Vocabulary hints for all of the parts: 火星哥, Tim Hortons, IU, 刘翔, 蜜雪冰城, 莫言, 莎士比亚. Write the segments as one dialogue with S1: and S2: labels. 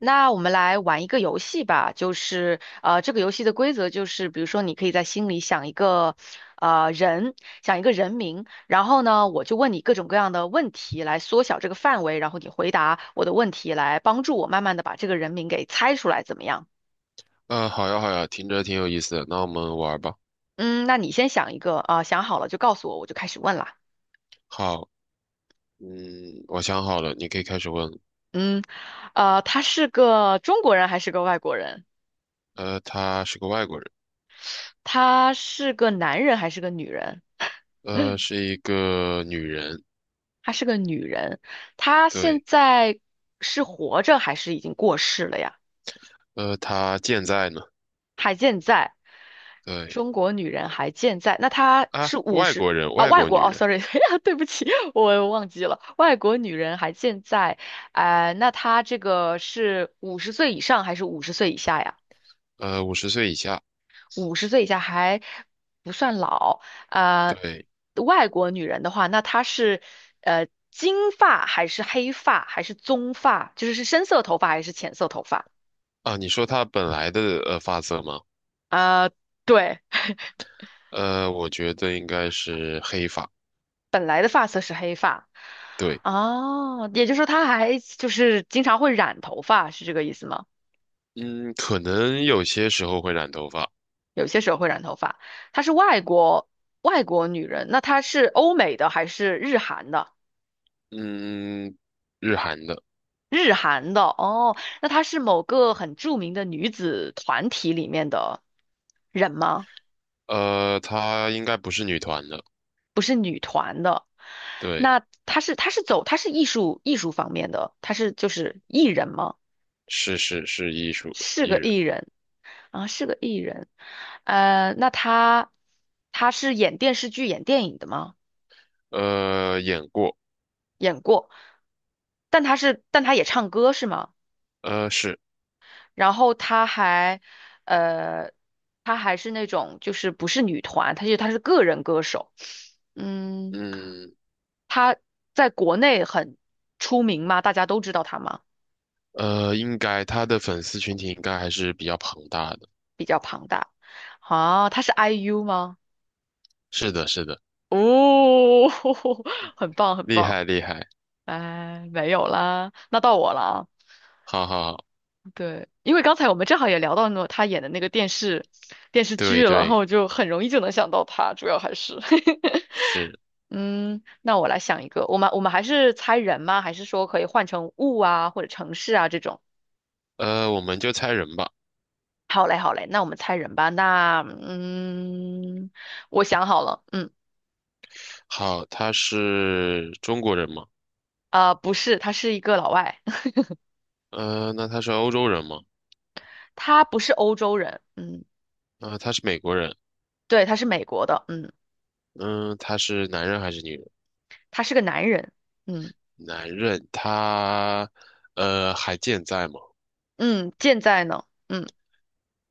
S1: 那我们来玩一个游戏吧，就是这个游戏的规则就是，比如说你可以在心里想一个呃人，想一个人名。然后呢，我就问你各种各样的问题来缩小这个范围，然后你回答我的问题，来帮助我慢慢的把这个人名给猜出来，怎么样？
S2: 好呀，好呀，听着挺有意思的，那我们玩儿吧。
S1: 嗯，那你先想一个啊，想好了就告诉我，我就开始问啦。
S2: 好，嗯，我想好了，你可以开始问。
S1: 嗯，他是个中国人还是个外国人？
S2: 她是个外国人。
S1: 他是个男人还是个女人？
S2: 是一个女人。
S1: 她是个女人，她现
S2: 对。
S1: 在是活着还是已经过世了呀？
S2: 她健在呢。
S1: 还健在，
S2: 对。
S1: 中国女人还健在。那她
S2: 啊，
S1: 是五
S2: 外
S1: 十
S2: 国人，
S1: 啊，
S2: 外
S1: 外
S2: 国
S1: 国
S2: 女
S1: 哦
S2: 人。
S1: ，sorry，对不起，我忘记了，外国女人还健在。哎、那她这个是五十岁以上还是五十岁以下呀？
S2: 50岁以下。
S1: 五十岁以下还不算老。呃，
S2: 对。
S1: 外国女人的话，那她是金发还是黑发还是棕发，就是是深色头发还是浅色头发？
S2: 啊，你说她本来的发色吗？
S1: 啊、对，
S2: 我觉得应该是黑发。
S1: 本来的发色是黑发。
S2: 对。
S1: 哦，也就是说她还就是经常会染头发，是这个意思吗？
S2: 嗯，可能有些时候会染头发。
S1: 有些时候会染头发。她是外国女人，那她是欧美的还是日韩的？
S2: 嗯，日韩的。
S1: 日韩的哦，那她是某个很著名的女子团体里面的人吗？
S2: 她应该不是女团的。对。
S1: 那她是她是走她是艺术方面的，她是就是艺人吗？
S2: 是是是
S1: 是
S2: 艺
S1: 个
S2: 人。
S1: 艺人啊，是个艺人。呃，那她是演电视剧、演电影的吗？
S2: 演过。
S1: 演过，但她也唱歌是吗？
S2: 是。
S1: 然后她还，呃，她还是那种就是不是女团，她是个人歌手。嗯，
S2: 嗯
S1: 她在国内很出名吗？大家都知道她吗？
S2: 应该他的粉丝群体应该还是比较庞大的。
S1: 比较庞大。啊，她是 IU 吗？
S2: 是的是的。
S1: 哦，很棒很
S2: 厉
S1: 棒。
S2: 害厉害。
S1: 哎，没有啦，那到我了啊。
S2: 好好好。
S1: 对，因为刚才我们正好也聊到那她演的那个电视剧
S2: 对
S1: 了，然后
S2: 对
S1: 我就很容易就能想到她，主要还是。
S2: 是。
S1: 嗯，那我来想一个，我们还是猜人吗？还是说可以换成物啊，或者城市啊这种？
S2: 我们就猜人吧。
S1: 好嘞，好嘞，那我们猜人吧。那嗯，我想好了，嗯，
S2: 好，他是中国人吗？
S1: 啊、不是，他是一个老外。
S2: 那他是欧洲人吗？
S1: 他不是欧洲人。嗯，
S2: 啊、他是美国人。
S1: 对，他是美国的。嗯，
S2: 嗯，他是男人还是女人？
S1: 他是个男人。嗯
S2: 男人，他还健在吗？
S1: 嗯，健在呢。嗯，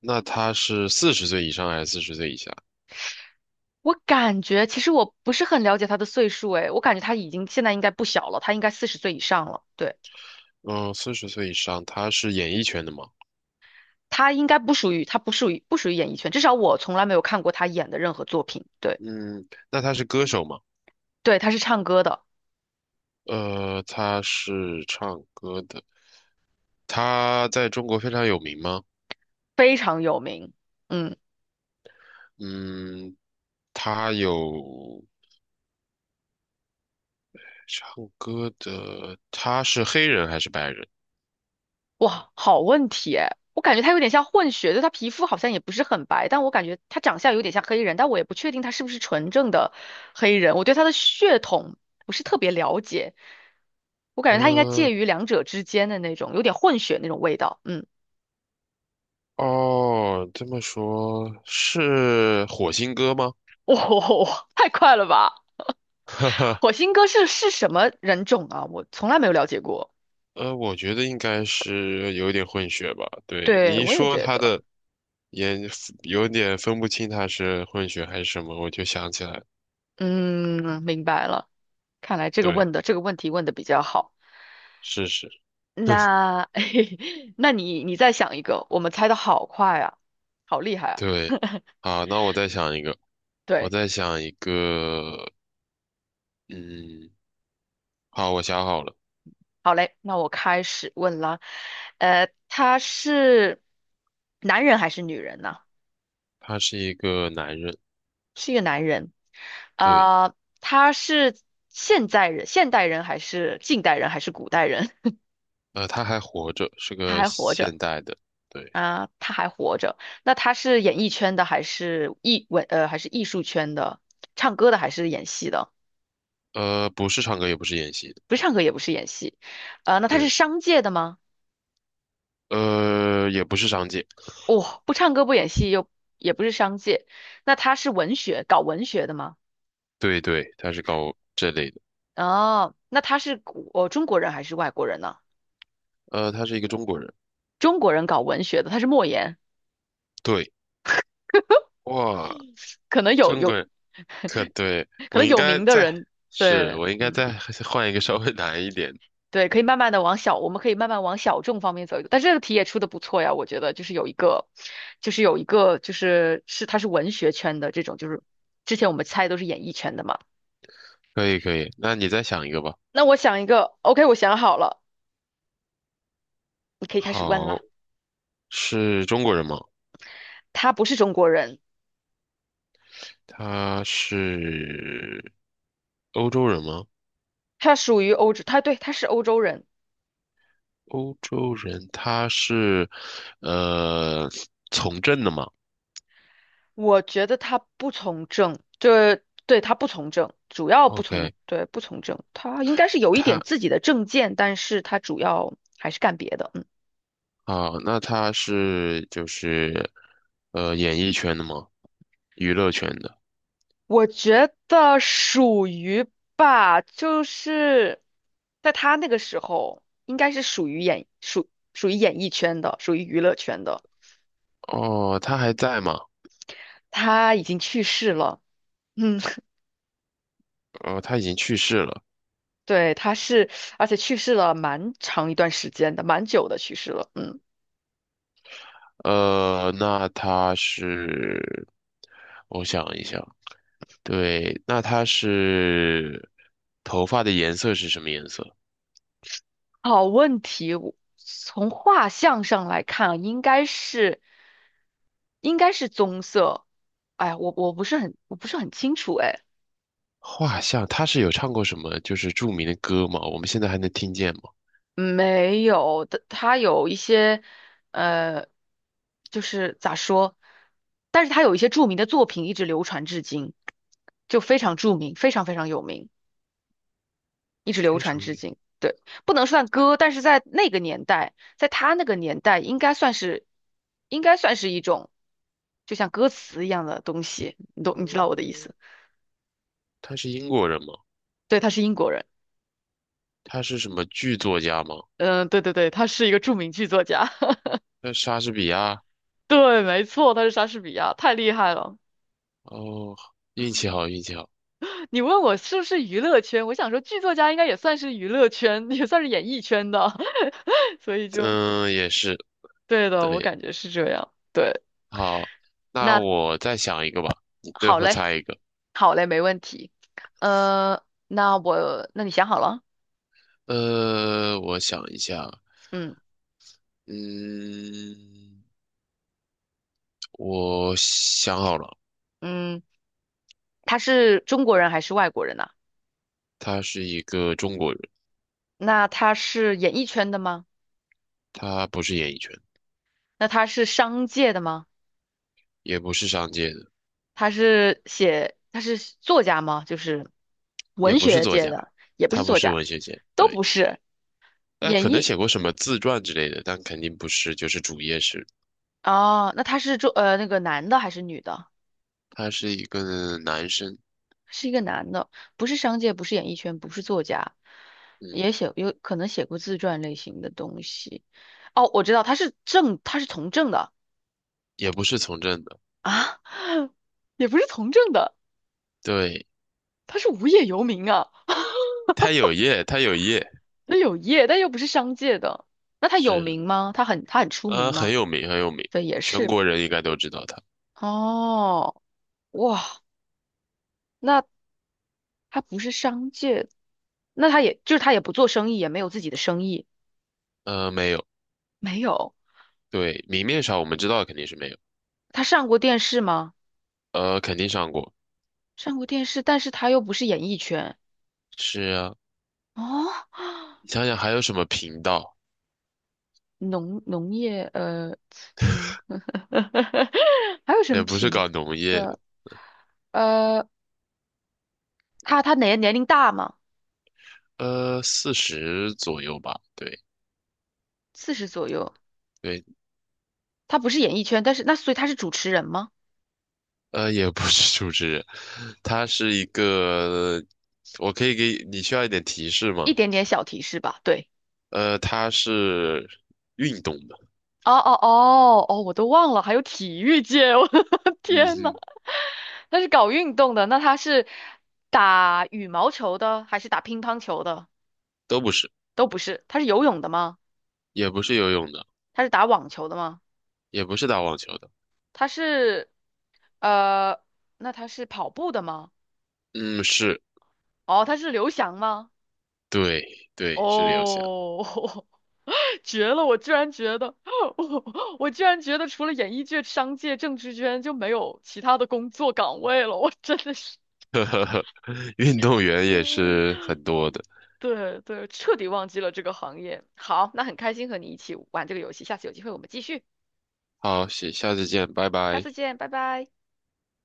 S2: 那他是四十岁以上还是四十岁以下？
S1: 我感觉其实我不是很了解他的岁数，诶，我感觉他已经现在应该不小了，他应该四十岁以上了，对。
S2: 嗯，四十岁以上，他是演艺圈的吗？
S1: 他应该不属于，他不属于演艺圈，至少我从来没有看过他演的任何作品。对，
S2: 嗯，那他是歌手吗？
S1: 对，他是唱歌的，
S2: 他是唱歌的。他在中国非常有名吗？
S1: 非常有名。嗯，
S2: 嗯，他有唱歌的，他是黑人还是白人？
S1: 哇，好问题诶，我感觉他有点像混血，就他皮肤好像也不是很白，但我感觉他长相有点像黑人，但我也不确定他是不是纯正的黑人，我对他的血统不是特别了解，我感觉他应该介
S2: 呃，
S1: 于两者之间的那种，有点混血那种味道。嗯，
S2: 哦，这么说是火星哥吗？
S1: 哇、太快了吧！火星哥是什么人种啊？我从来没有了解过。
S2: 我觉得应该是有点混血吧。对，
S1: 对，
S2: 你一
S1: 我也
S2: 说
S1: 觉
S2: 他
S1: 得。
S2: 的也有点分不清他是混血还是什么，我就想起来了。
S1: 嗯，明白了。看来这个
S2: 对，
S1: 这个问题问的比较好。
S2: 是是，
S1: 那，那你再想一个，我们猜的好快啊，好厉害啊！
S2: 对。好，那我再想一个，我
S1: 对，
S2: 再想一个，嗯，好，我想好了。
S1: 好嘞，那我开始问了。呃，他是男人还是女人呢？
S2: 他是一个男人。
S1: 是一个男人。
S2: 对。
S1: 啊、他是现代人还是近代人还是古代人？
S2: 他还活着，是
S1: 他
S2: 个
S1: 还活着。
S2: 现代的。对。
S1: 啊，他还活着。那他是演艺圈的，还是还是艺术圈的？唱歌的还是演戏的？
S2: 不是唱歌，也不是演戏的。
S1: 不是唱歌，也不是演戏。呃，那他是
S2: 对。
S1: 商界的吗？
S2: 也不是商界。
S1: 哦，不唱歌不演戏又也不是商界。那他是文学，搞文学的吗？
S2: 对对，他是搞这类的。
S1: 哦，那他是中国人还是外国人呢？
S2: 他是一个中国人。
S1: 中国人搞文学的，他是莫言，
S2: 对。哇，
S1: 可能有
S2: 中国
S1: 有
S2: 人，可对，
S1: 可
S2: 我
S1: 能
S2: 应
S1: 有
S2: 该
S1: 名的
S2: 再，
S1: 人，
S2: 是，
S1: 对，
S2: 我应该
S1: 嗯。
S2: 再换一个稍微难一点。
S1: 对，可以慢慢的往小，我们可以慢慢往小众方面走一走。但这个题也出的不错呀，我觉得就是有一个，就是他是文学圈的这种，就是之前我们猜都是演艺圈的嘛。
S2: 可以，可以，那你再想一个吧。
S1: 那我想一个，OK，我想好了，你可以开始问
S2: 好，
S1: 啦。
S2: 是中国人吗？
S1: 他不是中国人。
S2: 他是欧洲人吗？
S1: 他属于欧洲，对他是欧洲人。
S2: 欧洲人，他是呃从政的吗
S1: 我觉得他不从政，对他不从政，主要不从，
S2: ？OK，
S1: 对，不从政。他应该是有一点
S2: 他
S1: 自己的政见，但是他主要还是干别的。嗯。
S2: 啊，那他是就是演艺圈的吗？娱乐圈的。
S1: 我觉得属于吧，就是在他那个时候，应该是属于演艺圈的，属于娱乐圈的。
S2: 哦，他还在吗？
S1: 他已经去世了。嗯，
S2: 哦，他已经去世了。
S1: 对，他是，而且去世了蛮长一段时间的，蛮久的去世了。嗯。
S2: 那他是，我想一想。对，那他是头发的颜色是什么颜色？
S1: 好问题，我从画像上来看啊，应该是棕色。哎呀我不是很我不是很清楚，哎。
S2: 画像，他是有唱过什么就是著名的歌吗？我们现在还能听见吗？
S1: 没有的，他有一些，呃，就是咋说，但是他有一些著名的作品一直流传至今，就非常著名，非常非常有名，一直流
S2: 非
S1: 传
S2: 常
S1: 至
S2: 英，
S1: 今。对，不能算歌，但是在他那个年代，应该算是一种，就像歌词一样的东西。你懂，你知道我的意
S2: 嗯，
S1: 思？
S2: 他是英国人吗？
S1: 对，他是英国人。
S2: 他是什么剧作家吗？
S1: 嗯，对对对，他是一个著名剧作家。
S2: 那莎士比亚？
S1: 对，没错，他是莎士比亚，太厉害了。
S2: 哦，运气好，运气好。
S1: 你问我是不是娱乐圈，我想说剧作家应该也算是娱乐圈，也算是演艺圈的，所以就
S2: 嗯，也是，
S1: 对的，我
S2: 对。
S1: 感觉是这样。对，
S2: 好，那
S1: 那
S2: 我再想一个吧，你最
S1: 好
S2: 后
S1: 嘞，
S2: 猜一个。
S1: 好嘞，没问题。呃，那我，那你想好了？
S2: 我想一下。
S1: 嗯
S2: 嗯，我想好了。
S1: 嗯，他是中国人还是外国人呢？
S2: 他是一个中国人。
S1: 那他是演艺圈的吗？
S2: 他不是演艺圈。
S1: 那他是商界的吗？
S2: 也不是商界的。
S1: 他是作家吗？就是
S2: 也
S1: 文
S2: 不是
S1: 学
S2: 作
S1: 界
S2: 家。
S1: 的，也不是
S2: 他不
S1: 作
S2: 是
S1: 家，
S2: 文学界，
S1: 都
S2: 对。
S1: 不是。
S2: 但可
S1: 演
S2: 能
S1: 艺。
S2: 写过什么自传之类的，但肯定不是，就是主业是。
S1: 哦，那他是做呃那个男的还是女的？
S2: 他是一个男生。
S1: 是一个男的，不是商界，不是演艺圈，不是作家，
S2: 嗯，
S1: 也写有可能写过自传类型的东西。哦，我知道他是从政的
S2: 也不是从政的。
S1: 啊，也不是从政的，
S2: 对。
S1: 他是无业游民啊。
S2: 他有业，他有业。
S1: 那有业，但又不是商界的。那他有
S2: 是。
S1: 名吗？他很出名吗？
S2: 很有名，很有名。
S1: 对，也
S2: 全
S1: 是。
S2: 国人应该都知道他。
S1: 哦，哇，那他不是商界，那他也就是他也不做生意，也没有自己的生意，
S2: 没有。
S1: 没有。
S2: 对。明面上我们知道肯定是没有。
S1: 他上过电视吗？
S2: 肯定上过。
S1: 上过电视，但是他又不是演艺圈
S2: 是啊。
S1: 哦，
S2: 你想想还有什么频道？
S1: 农业农，还有什
S2: 也
S1: 么
S2: 不是
S1: 品
S2: 搞农业
S1: 的？
S2: 的。
S1: 呃，他年龄大吗？
S2: 四十左右吧。对
S1: 四十左右，
S2: 对。
S1: 他不是演艺圈，但是那所以他是主持人吗？
S2: 也不是主持人。他是一个，我可以给你需要一点提示吗？
S1: 一点点小提示吧，对。
S2: 他是运动的。
S1: 哦哦哦哦，我都忘了，还有体育界，我的
S2: 嗯
S1: 天呐，
S2: 哼。
S1: 他是搞运动的，那他是打羽毛球的还是打乒乓球的？
S2: 都不是。
S1: 都不是，他是游泳的吗？
S2: 也不是游泳的。
S1: 他是打网球的吗？
S2: 也不是打网球的。
S1: 他是，呃，那他是跑步的吗？
S2: 嗯，是。
S1: 哦，他是刘翔吗？
S2: 对对，是刘翔。
S1: 哦，绝了！我居然觉得，我我居然觉得除了演艺界、商界、政治圈就没有其他的工作岗位了，我真的是，
S2: 运动员 也
S1: 嗯，
S2: 是很多的。
S1: 对对，彻底忘记了这个行业。好，那很开心和你一起玩这个游戏，下次有机会我们继续，
S2: 好，下下次见，拜
S1: 下
S2: 拜。
S1: 次见，拜拜。